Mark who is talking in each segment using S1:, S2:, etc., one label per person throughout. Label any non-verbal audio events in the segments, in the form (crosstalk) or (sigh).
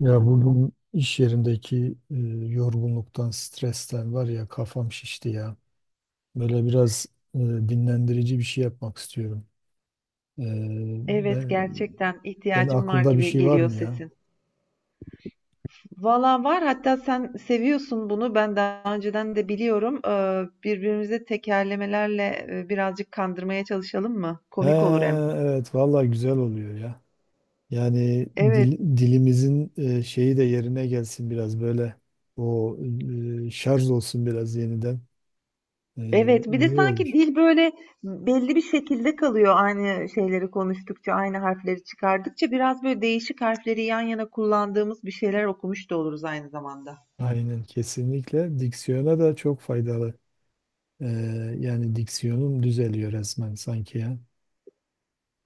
S1: Ya bugün iş yerindeki yorgunluktan, stresten var ya kafam şişti ya. Böyle biraz dinlendirici bir şey yapmak istiyorum. E,
S2: Evet
S1: Ben
S2: gerçekten
S1: senin
S2: ihtiyacım var
S1: aklında bir
S2: gibi
S1: şey var
S2: geliyor
S1: mı ya?
S2: sesin. Valla var hatta sen seviyorsun bunu ben daha önceden de biliyorum. Birbirimizi tekerlemelerle birazcık kandırmaya çalışalım mı?
S1: He,
S2: Komik olur hem.
S1: evet vallahi güzel oluyor ya. Yani
S2: Evet.
S1: dilimizin şeyi de yerine gelsin biraz böyle. O şarj olsun biraz yeniden. E,
S2: Evet bir de
S1: iyi
S2: sanki
S1: olur.
S2: dil böyle belli bir şekilde kalıyor aynı şeyleri konuştukça aynı harfleri çıkardıkça biraz böyle değişik harfleri yan yana kullandığımız bir şeyler okumuş da oluruz aynı zamanda.
S1: Aynen kesinlikle. Diksiyona da çok faydalı. Ee, Yani diksiyonum düzeliyor resmen sanki ya.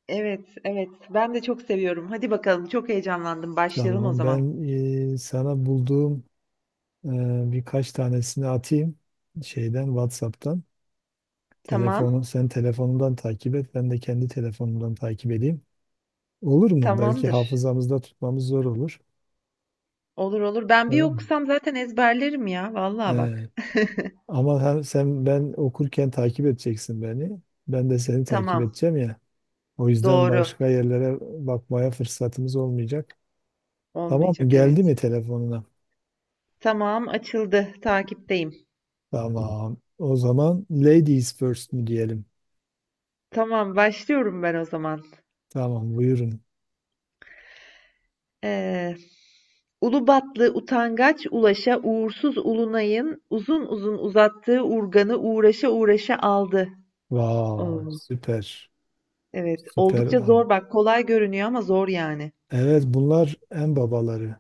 S2: Evet evet ben de çok seviyorum. Hadi bakalım çok heyecanlandım başlayalım o
S1: Tamam
S2: zaman.
S1: ben sana bulduğum e, birkaç tanesini atayım şeyden WhatsApp'tan. Telefonun
S2: Tamam.
S1: sen telefonundan takip et, ben de kendi telefonumdan takip edeyim. Olur mu? Belki
S2: Tamamdır.
S1: hafızamızda tutmamız zor olur.
S2: Olur olur. Ben bir
S1: Tamam mı?
S2: okusam zaten ezberlerim ya. Vallahi
S1: Ee,
S2: bak.
S1: Ama hem sen ben okurken takip edeceksin beni. Ben de seni takip
S2: Tamam.
S1: edeceğim ya. O yüzden
S2: Doğru.
S1: başka yerlere bakmaya fırsatımız olmayacak. Tamam mı?
S2: Olmayacak
S1: Geldi mi
S2: evet.
S1: telefonuna?
S2: Tamam açıldı. Takipteyim.
S1: Tamam. O zaman ladies first mi diyelim?
S2: Tamam başlıyorum ben o zaman.
S1: Tamam, buyurun.
S2: Ee, Ulubatlı utangaç Ulaş'a uğursuz Ulunay'ın uzun uzun uzattığı urganı uğraşa uğraşa aldı.
S1: Vay,
S2: Oo,
S1: süper.
S2: evet
S1: Süper.
S2: oldukça zor bak kolay görünüyor ama zor yani.
S1: Evet, bunlar en babaları.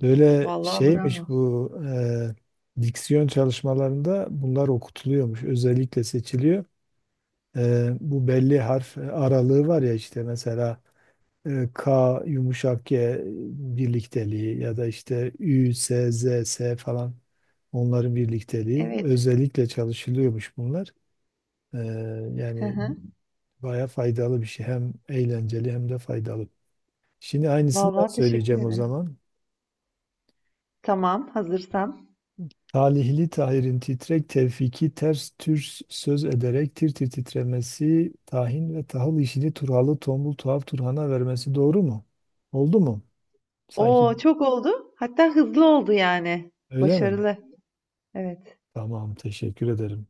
S1: Böyle
S2: Vallahi bravo.
S1: şeymiş bu diksiyon çalışmalarında bunlar okutuluyormuş. Özellikle seçiliyor. E, bu belli harf aralığı var ya işte mesela K yumuşak G birlikteliği ya da işte Ü, S, Z, S falan onların birlikteliği.
S2: Evet.
S1: Özellikle çalışılıyormuş bunlar. Ee,
S2: Hı
S1: yani
S2: hı.
S1: baya faydalı bir şey. Hem eğlenceli hem de faydalı. Şimdi aynısını ben
S2: Vallahi teşekkür
S1: söyleyeceğim o
S2: ederim.
S1: zaman.
S2: Tamam hazırsan.
S1: Talihli Tahir'in titrek tevfiki ters tür söz ederek tir tir titremesi tahin ve tahıl işini turhalı tombul tuhaf turhana vermesi doğru mu? Oldu mu? Sanki
S2: Oo çok oldu. Hatta hızlı oldu yani.
S1: öyle mi?
S2: Başarılı. Evet.
S1: Tamam teşekkür ederim.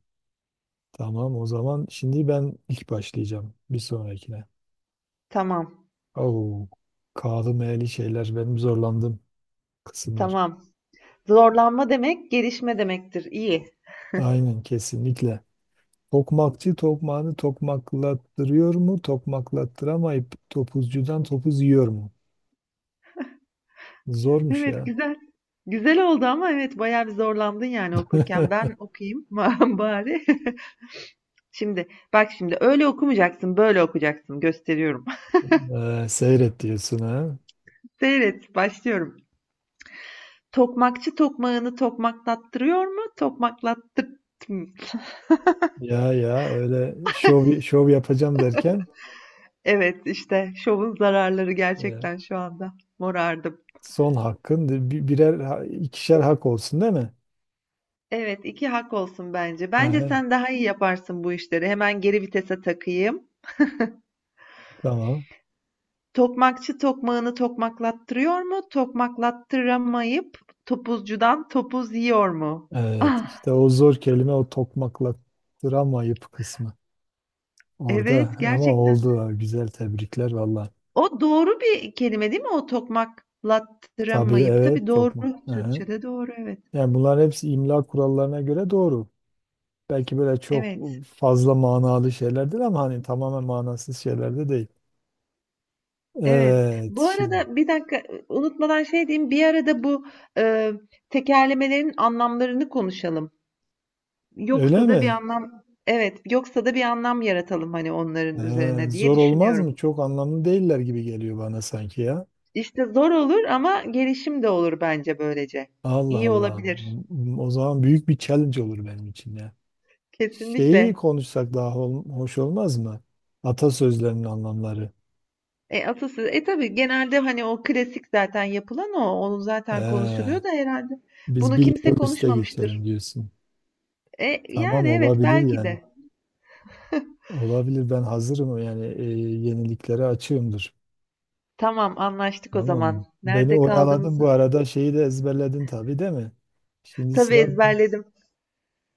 S1: Tamam, o zaman şimdi ben ilk başlayacağım bir sonrakine.
S2: Tamam.
S1: Oo, kağıdı meyeli şeyler benim zorlandığım kısımlar.
S2: Tamam. Zorlanma demek gelişme demektir. İyi.
S1: Aynen kesinlikle. Tokmakçı tokmağını tokmaklattırıyor mu? Tokmaklattıramayıp topuzcudan topuz yiyor mu? Zormuş
S2: Evet,
S1: ya.
S2: güzel. Güzel oldu ama evet bayağı bir zorlandın yani okurken. Ben
S1: (laughs)
S2: okuyayım (laughs) bari. (laughs) Şimdi bak şimdi öyle okumayacaksın, böyle okuyacaksın. Gösteriyorum.
S1: Seyret diyorsun ha.
S2: (laughs) Seyret, başlıyorum. Tokmakçı tokmağını tokmaklattırıyor mu? Tokmaklattır. (laughs)
S1: Ya ya öyle şov şov yapacağım derken
S2: Evet işte şovun zararları
S1: e,
S2: gerçekten şu anda morardım.
S1: son hakkın ikişer hak olsun değil mi?
S2: Evet, 2 hak olsun bence. Bence
S1: Ehe,
S2: sen daha iyi yaparsın bu işleri. Hemen geri vitese takayım.
S1: tamam.
S2: Tokmakçı tokmağını tokmaklattırıyor mu? Tokmaklattıramayıp topuzcudan topuz yiyor mu?
S1: Evet,
S2: Ah,
S1: işte o zor kelime o tokmaklattıramayıp kısmı orada,
S2: evet
S1: ama
S2: gerçekten.
S1: oldu ha, güzel, tebrikler valla.
S2: O doğru bir kelime değil mi? O
S1: Tabii
S2: tokmaklattıramayıp. Tabii
S1: evet tokmak.
S2: doğru.
S1: Ehe.
S2: Türkçe'de doğru evet.
S1: Yani bunların hepsi imla kurallarına göre doğru. Belki böyle çok
S2: Evet.
S1: fazla manalı şeylerdir ama hani tamamen manasız şeyler de değil.
S2: Evet.
S1: Evet,
S2: Bu
S1: şimdi
S2: arada bir dakika unutmadan şey diyeyim. Bir arada bu e, tekerlemelerin anlamlarını konuşalım.
S1: öyle
S2: Yoksa da bir
S1: mi?
S2: anlam evet, yoksa da bir anlam yaratalım hani onların
S1: Ee,
S2: üzerine diye
S1: Zor olmaz mı?
S2: düşünüyorum.
S1: Çok anlamlı değiller gibi geliyor bana sanki ya.
S2: İşte zor olur ama gelişim de olur bence böylece.
S1: Allah
S2: İyi
S1: Allah.
S2: olabilir.
S1: O zaman büyük bir challenge olur benim için ya. Şeyi
S2: Kesinlikle.
S1: konuşsak daha hoş olmaz mı? Atasözlerinin anlamları.
S2: E atasözü. E tabii genelde hani o klasik zaten yapılan o. Onun zaten
S1: Ee,
S2: konuşuluyor da herhalde.
S1: Biz
S2: Bunu
S1: bir
S2: kimse
S1: level üste
S2: konuşmamıştır.
S1: geçelim diyorsun.
S2: E
S1: Tamam,
S2: yani evet
S1: olabilir
S2: belki
S1: yani.
S2: de. (laughs)
S1: Olabilir, ben hazırım yani, yeniliklere açığımdır.
S2: Tamam anlaştık o
S1: Tamam.
S2: zaman.
S1: Beni
S2: Nerede
S1: oyaladın bu
S2: kaldığımızı
S1: arada şeyi de ezberledin tabii değil mi? Şimdi
S2: tabii
S1: sıra.
S2: ezberledim.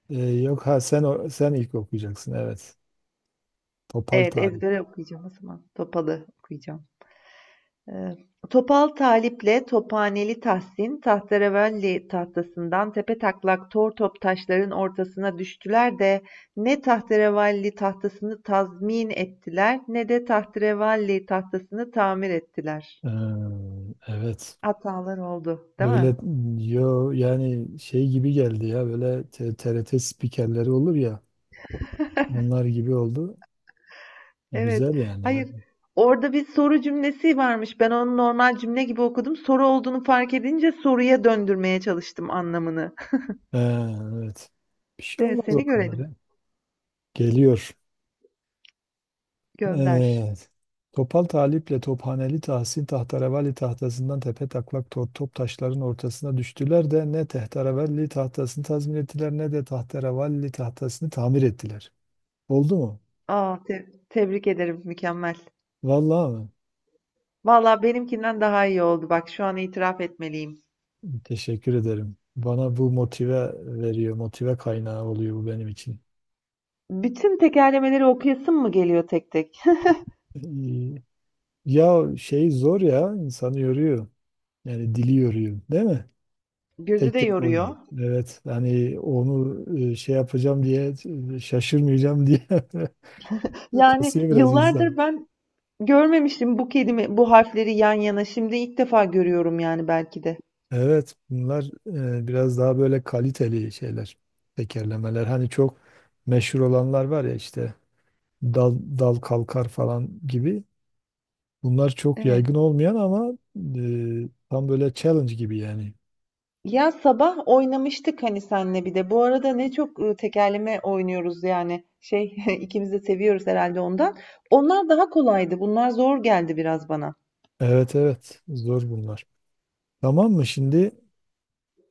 S1: E, yok ha, sen sen ilk okuyacaksın evet. Topal
S2: Evet
S1: Talip.
S2: ezbere okuyacağım o zaman. Topalı okuyacağım. Ee, Topal Talip'le Tophaneli Tahsin, tahterevalli tahtasından tepetaklak tortop taşların ortasına düştüler de ne tahterevalli tahtasını tazmin ettiler ne de tahterevalli tahtasını tamir ettiler.
S1: Ee, evet.
S2: Hatalar oldu, değil
S1: Böyle
S2: mi?
S1: yo yani şey gibi geldi ya, böyle TRT spikerleri olur ya, onlar gibi oldu. E,
S2: Evet.
S1: güzel yani ya.
S2: Hayır. Orada bir soru cümlesi varmış. Ben onu normal cümle gibi okudum. Soru olduğunu fark edince soruya döndürmeye çalıştım anlamını.
S1: Ee, evet. Bir şey
S2: Evet,
S1: olmaz
S2: seni
S1: o kadar
S2: görelim.
S1: ya. Geliyor.
S2: Gönder.
S1: Evet. Topal Talip'le Tophaneli Tahsin tahterevalli tahtasından tepe taklak top taşların ortasına düştüler de ne tahterevalli tahtasını tazmin ettiler ne de tahterevalli tahtasını tamir ettiler. Oldu mu?
S2: Aa, tebrik ederim. Mükemmel.
S1: Vallahi mi?
S2: Valla benimkinden daha iyi oldu. Bak şu an itiraf etmeliyim.
S1: Teşekkür ederim. Bana bu motive veriyor, motive kaynağı oluyor bu benim için.
S2: Bütün tekerlemeleri okuyasım mı geliyor tek tek?
S1: Ee, Ya şey zor ya, insanı yoruyor. Yani dili yoruyor, değil mi?
S2: Gözü
S1: Tek
S2: de
S1: tek oldu.
S2: yoruyor.
S1: Evet hani onu şey yapacağım diye şaşırmayacağım diye (laughs)
S2: Yani
S1: kasıyor biraz insan.
S2: yıllardır ben görmemiştim bu kelime, bu harfleri yan yana. Şimdi ilk defa görüyorum yani belki de.
S1: Evet, bunlar biraz daha böyle kaliteli şeyler. Tekerlemeler hani çok meşhur olanlar var ya işte dal, dal kalkar falan gibi. Bunlar çok
S2: Evet.
S1: yaygın olmayan ama tam böyle challenge gibi yani.
S2: Ya sabah oynamıştık hani senle bir de. Bu arada ne çok tekerleme oynuyoruz yani. Şey (laughs) ikimiz de seviyoruz herhalde ondan. Onlar daha kolaydı. Bunlar zor geldi biraz bana.
S1: Evet evet, zor bunlar. Tamam mı şimdi?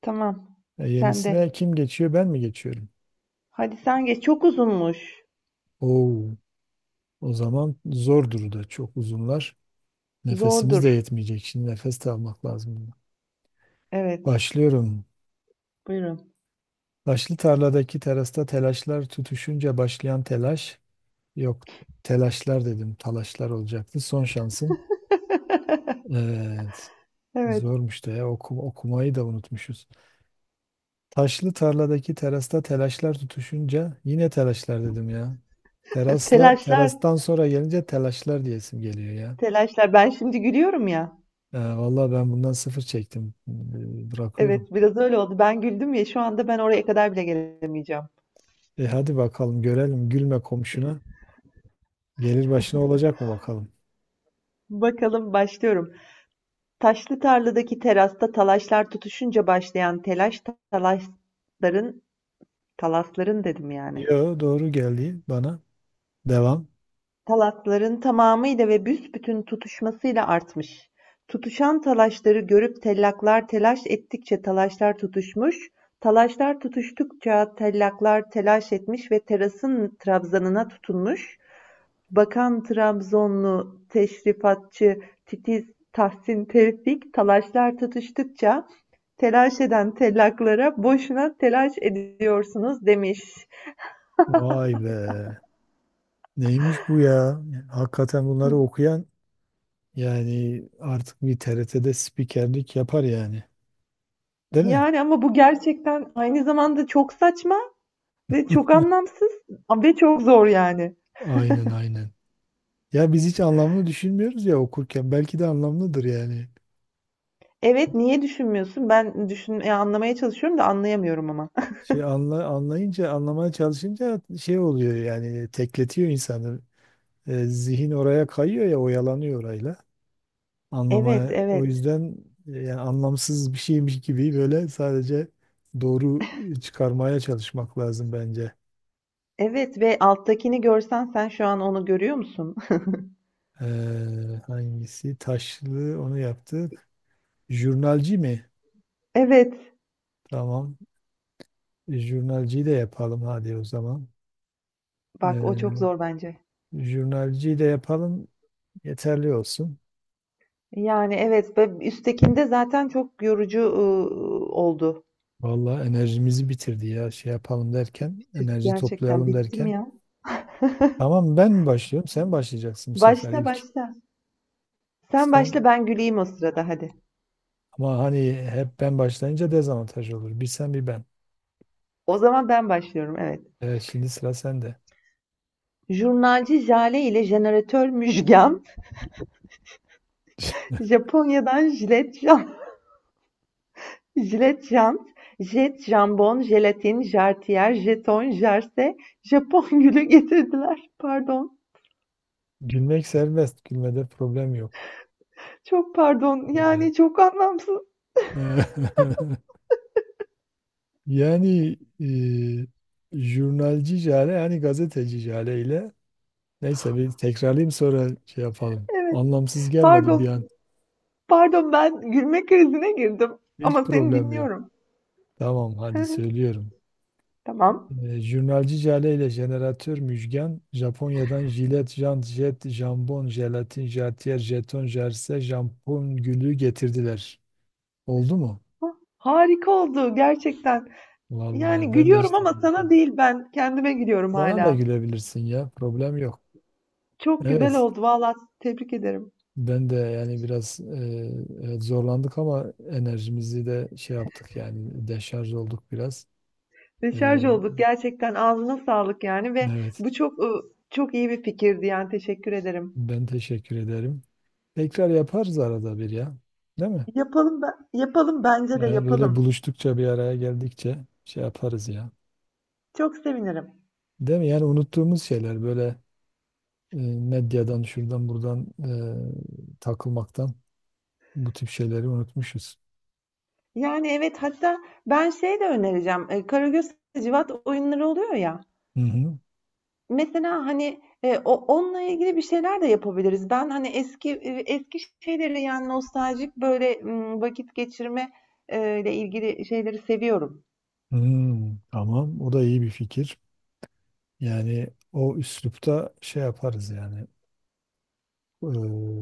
S2: Tamam.
S1: E,
S2: Sen de.
S1: yenisine kim geçiyor, ben mi geçiyorum?
S2: Hadi sen geç. Çok uzunmuş.
S1: Oo. O zaman zordur da çok uzunlar. Nefesimiz de
S2: Zordur.
S1: yetmeyecek. Şimdi nefes de almak lazım.
S2: Evet.
S1: Başlıyorum.
S2: Buyurun.
S1: Taşlı tarladaki terasta telaşlar tutuşunca başlayan telaş. Yok, telaşlar dedim. Talaşlar olacaktı. Son şansım. Evet.
S2: Evet.
S1: Zormuş da ya okumayı da unutmuşuz. Taşlı tarladaki terasta telaşlar tutuşunca yine telaşlar dedim ya.
S2: (laughs)
S1: Terasla
S2: Telaşlar.
S1: terastan sonra gelince telaşlar diyesim geliyor ya.
S2: Telaşlar. Ben şimdi gülüyorum ya.
S1: Vallahi ben bundan sıfır çektim. Bırakıyorum.
S2: Evet, biraz öyle oldu. Ben güldüm ya. Şu anda ben oraya kadar bile gelemeyeceğim.
S1: E hadi bakalım görelim, gülme komşuna. Gelir başına olacak mı bakalım?
S2: Bakalım başlıyorum. Taşlı tarladaki terasta talaşlar tutuşunca başlayan telaş, talaşların, talasların dedim yani.
S1: Yo, doğru geldi bana. Devam.
S2: Talasların tamamıyla ve büsbütün tutuşmasıyla artmış. Tutuşan talaşları görüp tellaklar telaş ettikçe talaşlar tutuşmuş, talaşlar tutuştukça tellaklar telaş etmiş ve terasın trabzanına tutunmuş, Bakan Trabzonlu teşrifatçı titiz Tahsin Tevfik talaşlar tutuştukça telaş eden tellaklara boşuna telaş ediyorsunuz demiş.
S1: Vay be. Neymiş bu ya? Hakikaten bunları okuyan yani artık bir TRT'de spikerlik yapar yani. Değil mi?
S2: Yani ama bu gerçekten aynı zamanda çok saçma ve çok anlamsız ve çok zor yani.
S1: Aynen aynen. Ya biz hiç anlamını düşünmüyoruz ya okurken. Belki de anlamlıdır yani.
S2: Evet niye düşünmüyorsun? Ben anlamaya çalışıyorum da anlayamıyorum ama. (laughs)
S1: Şey anlayınca, anlamaya çalışınca şey oluyor yani tekletiyor insanı. E, zihin oraya kayıyor ya, oyalanıyor orayla.
S2: Evet,
S1: Anlamaya o
S2: evet.
S1: yüzden yani anlamsız bir şeymiş gibi böyle sadece doğru çıkarmaya çalışmak lazım bence.
S2: Evet ve alttakini görsen sen şu an onu görüyor musun?
S1: Hangisi? Taşlı, onu yaptık. Jurnalci mi?
S2: (laughs) Evet.
S1: Tamam. E, jurnalciyi de yapalım hadi o zaman. Ee,
S2: Bak o çok zor bence.
S1: Jurnalciyi de yapalım. Yeterli olsun.
S2: Yani, evet ve üsttekinde zaten çok yorucu oldu.
S1: Vallahi enerjimizi bitirdi ya. Şey yapalım derken,
S2: Bitirdik
S1: enerji
S2: gerçekten.
S1: toplayalım
S2: Bittim
S1: derken.
S2: ya.
S1: Tamam ben mi başlıyorum? Sen başlayacaksın bu sefer
S2: Başla,
S1: ilk.
S2: başla. Sen başla,
S1: Son.
S2: ben güleyim o sırada hadi.
S1: Ama hani hep ben başlayınca dezavantaj olur. Bir sen bir ben.
S2: O zaman ben başlıyorum, evet.
S1: Evet, şimdi sıra sende.
S2: Jurnalci Jale ile jeneratör Müjgan, (laughs) Japonya'dan jilet jan (laughs) jilet jant, jet jambon, jelatin, jartiyer, jeton, jarse, Japon (laughs) gülü getirdiler. Pardon,
S1: Gülmek serbest. Gülmede problem yok.
S2: çok pardon.
S1: Evet.
S2: Yani çok anlamsız.
S1: (laughs) Yani jurnalci Jale yani gazeteci Jale ile neyse bir tekrarlayayım sonra şey yapalım.
S2: Evet,
S1: Anlamsız gelmedi bir an.
S2: pardon. Pardon, ben gülme krizine girdim
S1: Hiç
S2: ama seni
S1: problem yok.
S2: dinliyorum.
S1: Tamam hadi
S2: (laughs)
S1: söylüyorum.
S2: Tamam.
S1: Jurnalci Jale ile jeneratör Müjgan, Japonya'dan jilet, jant, jet, jambon, jelatin, jartiyer, jeton, jerse, jampon gülü getirdiler. Oldu mu?
S2: Hah, harika oldu gerçekten. Yani
S1: Vallahi ben de hiç
S2: gülüyorum ama
S1: tahmin
S2: sana
S1: etmedim.
S2: değil ben kendime gülüyorum
S1: Bana da
S2: hala.
S1: gülebilirsin ya, problem yok.
S2: Çok güzel
S1: Evet,
S2: oldu valla tebrik ederim.
S1: ben de yani biraz evet, zorlandık ama enerjimizi de şey yaptık yani deşarj olduk biraz.
S2: Deşarj
S1: E,
S2: olduk gerçekten ağzına sağlık yani ve
S1: evet,
S2: bu çok çok iyi bir fikirdi yani teşekkür ederim.
S1: ben teşekkür ederim. Tekrar yaparız arada bir ya, değil mi?
S2: Yapalım ben, yapalım bence de
S1: Böyle
S2: yapalım.
S1: buluştukça bir araya geldikçe şey yaparız ya.
S2: Çok sevinirim.
S1: Değil mi? Yani unuttuğumuz şeyler böyle medyadan şuradan buradan takılmaktan bu tip şeyleri unutmuşuz.
S2: Yani evet hatta ben şey de önereceğim. E, Karagöz Hacivat oyunları oluyor ya.
S1: Hı hı.
S2: Mesela, hani, o onunla ilgili bir şeyler de yapabiliriz. Ben, hani, eski şeyleri, yani, nostaljik, böyle, vakit geçirme, ile ilgili şeyleri seviyorum.
S1: Hmm, tamam. O da iyi bir fikir. Yani o üslupta şey yaparız yani. Ee,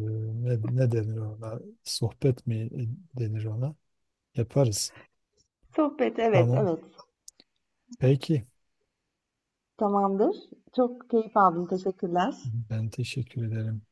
S1: ne denir ona? Sohbet mi denir ona? Yaparız.
S2: Sohbet, evet,
S1: Tamam.
S2: evet.
S1: Peki.
S2: Tamamdır. Çok keyif aldım. Teşekkürler.
S1: Ben teşekkür ederim.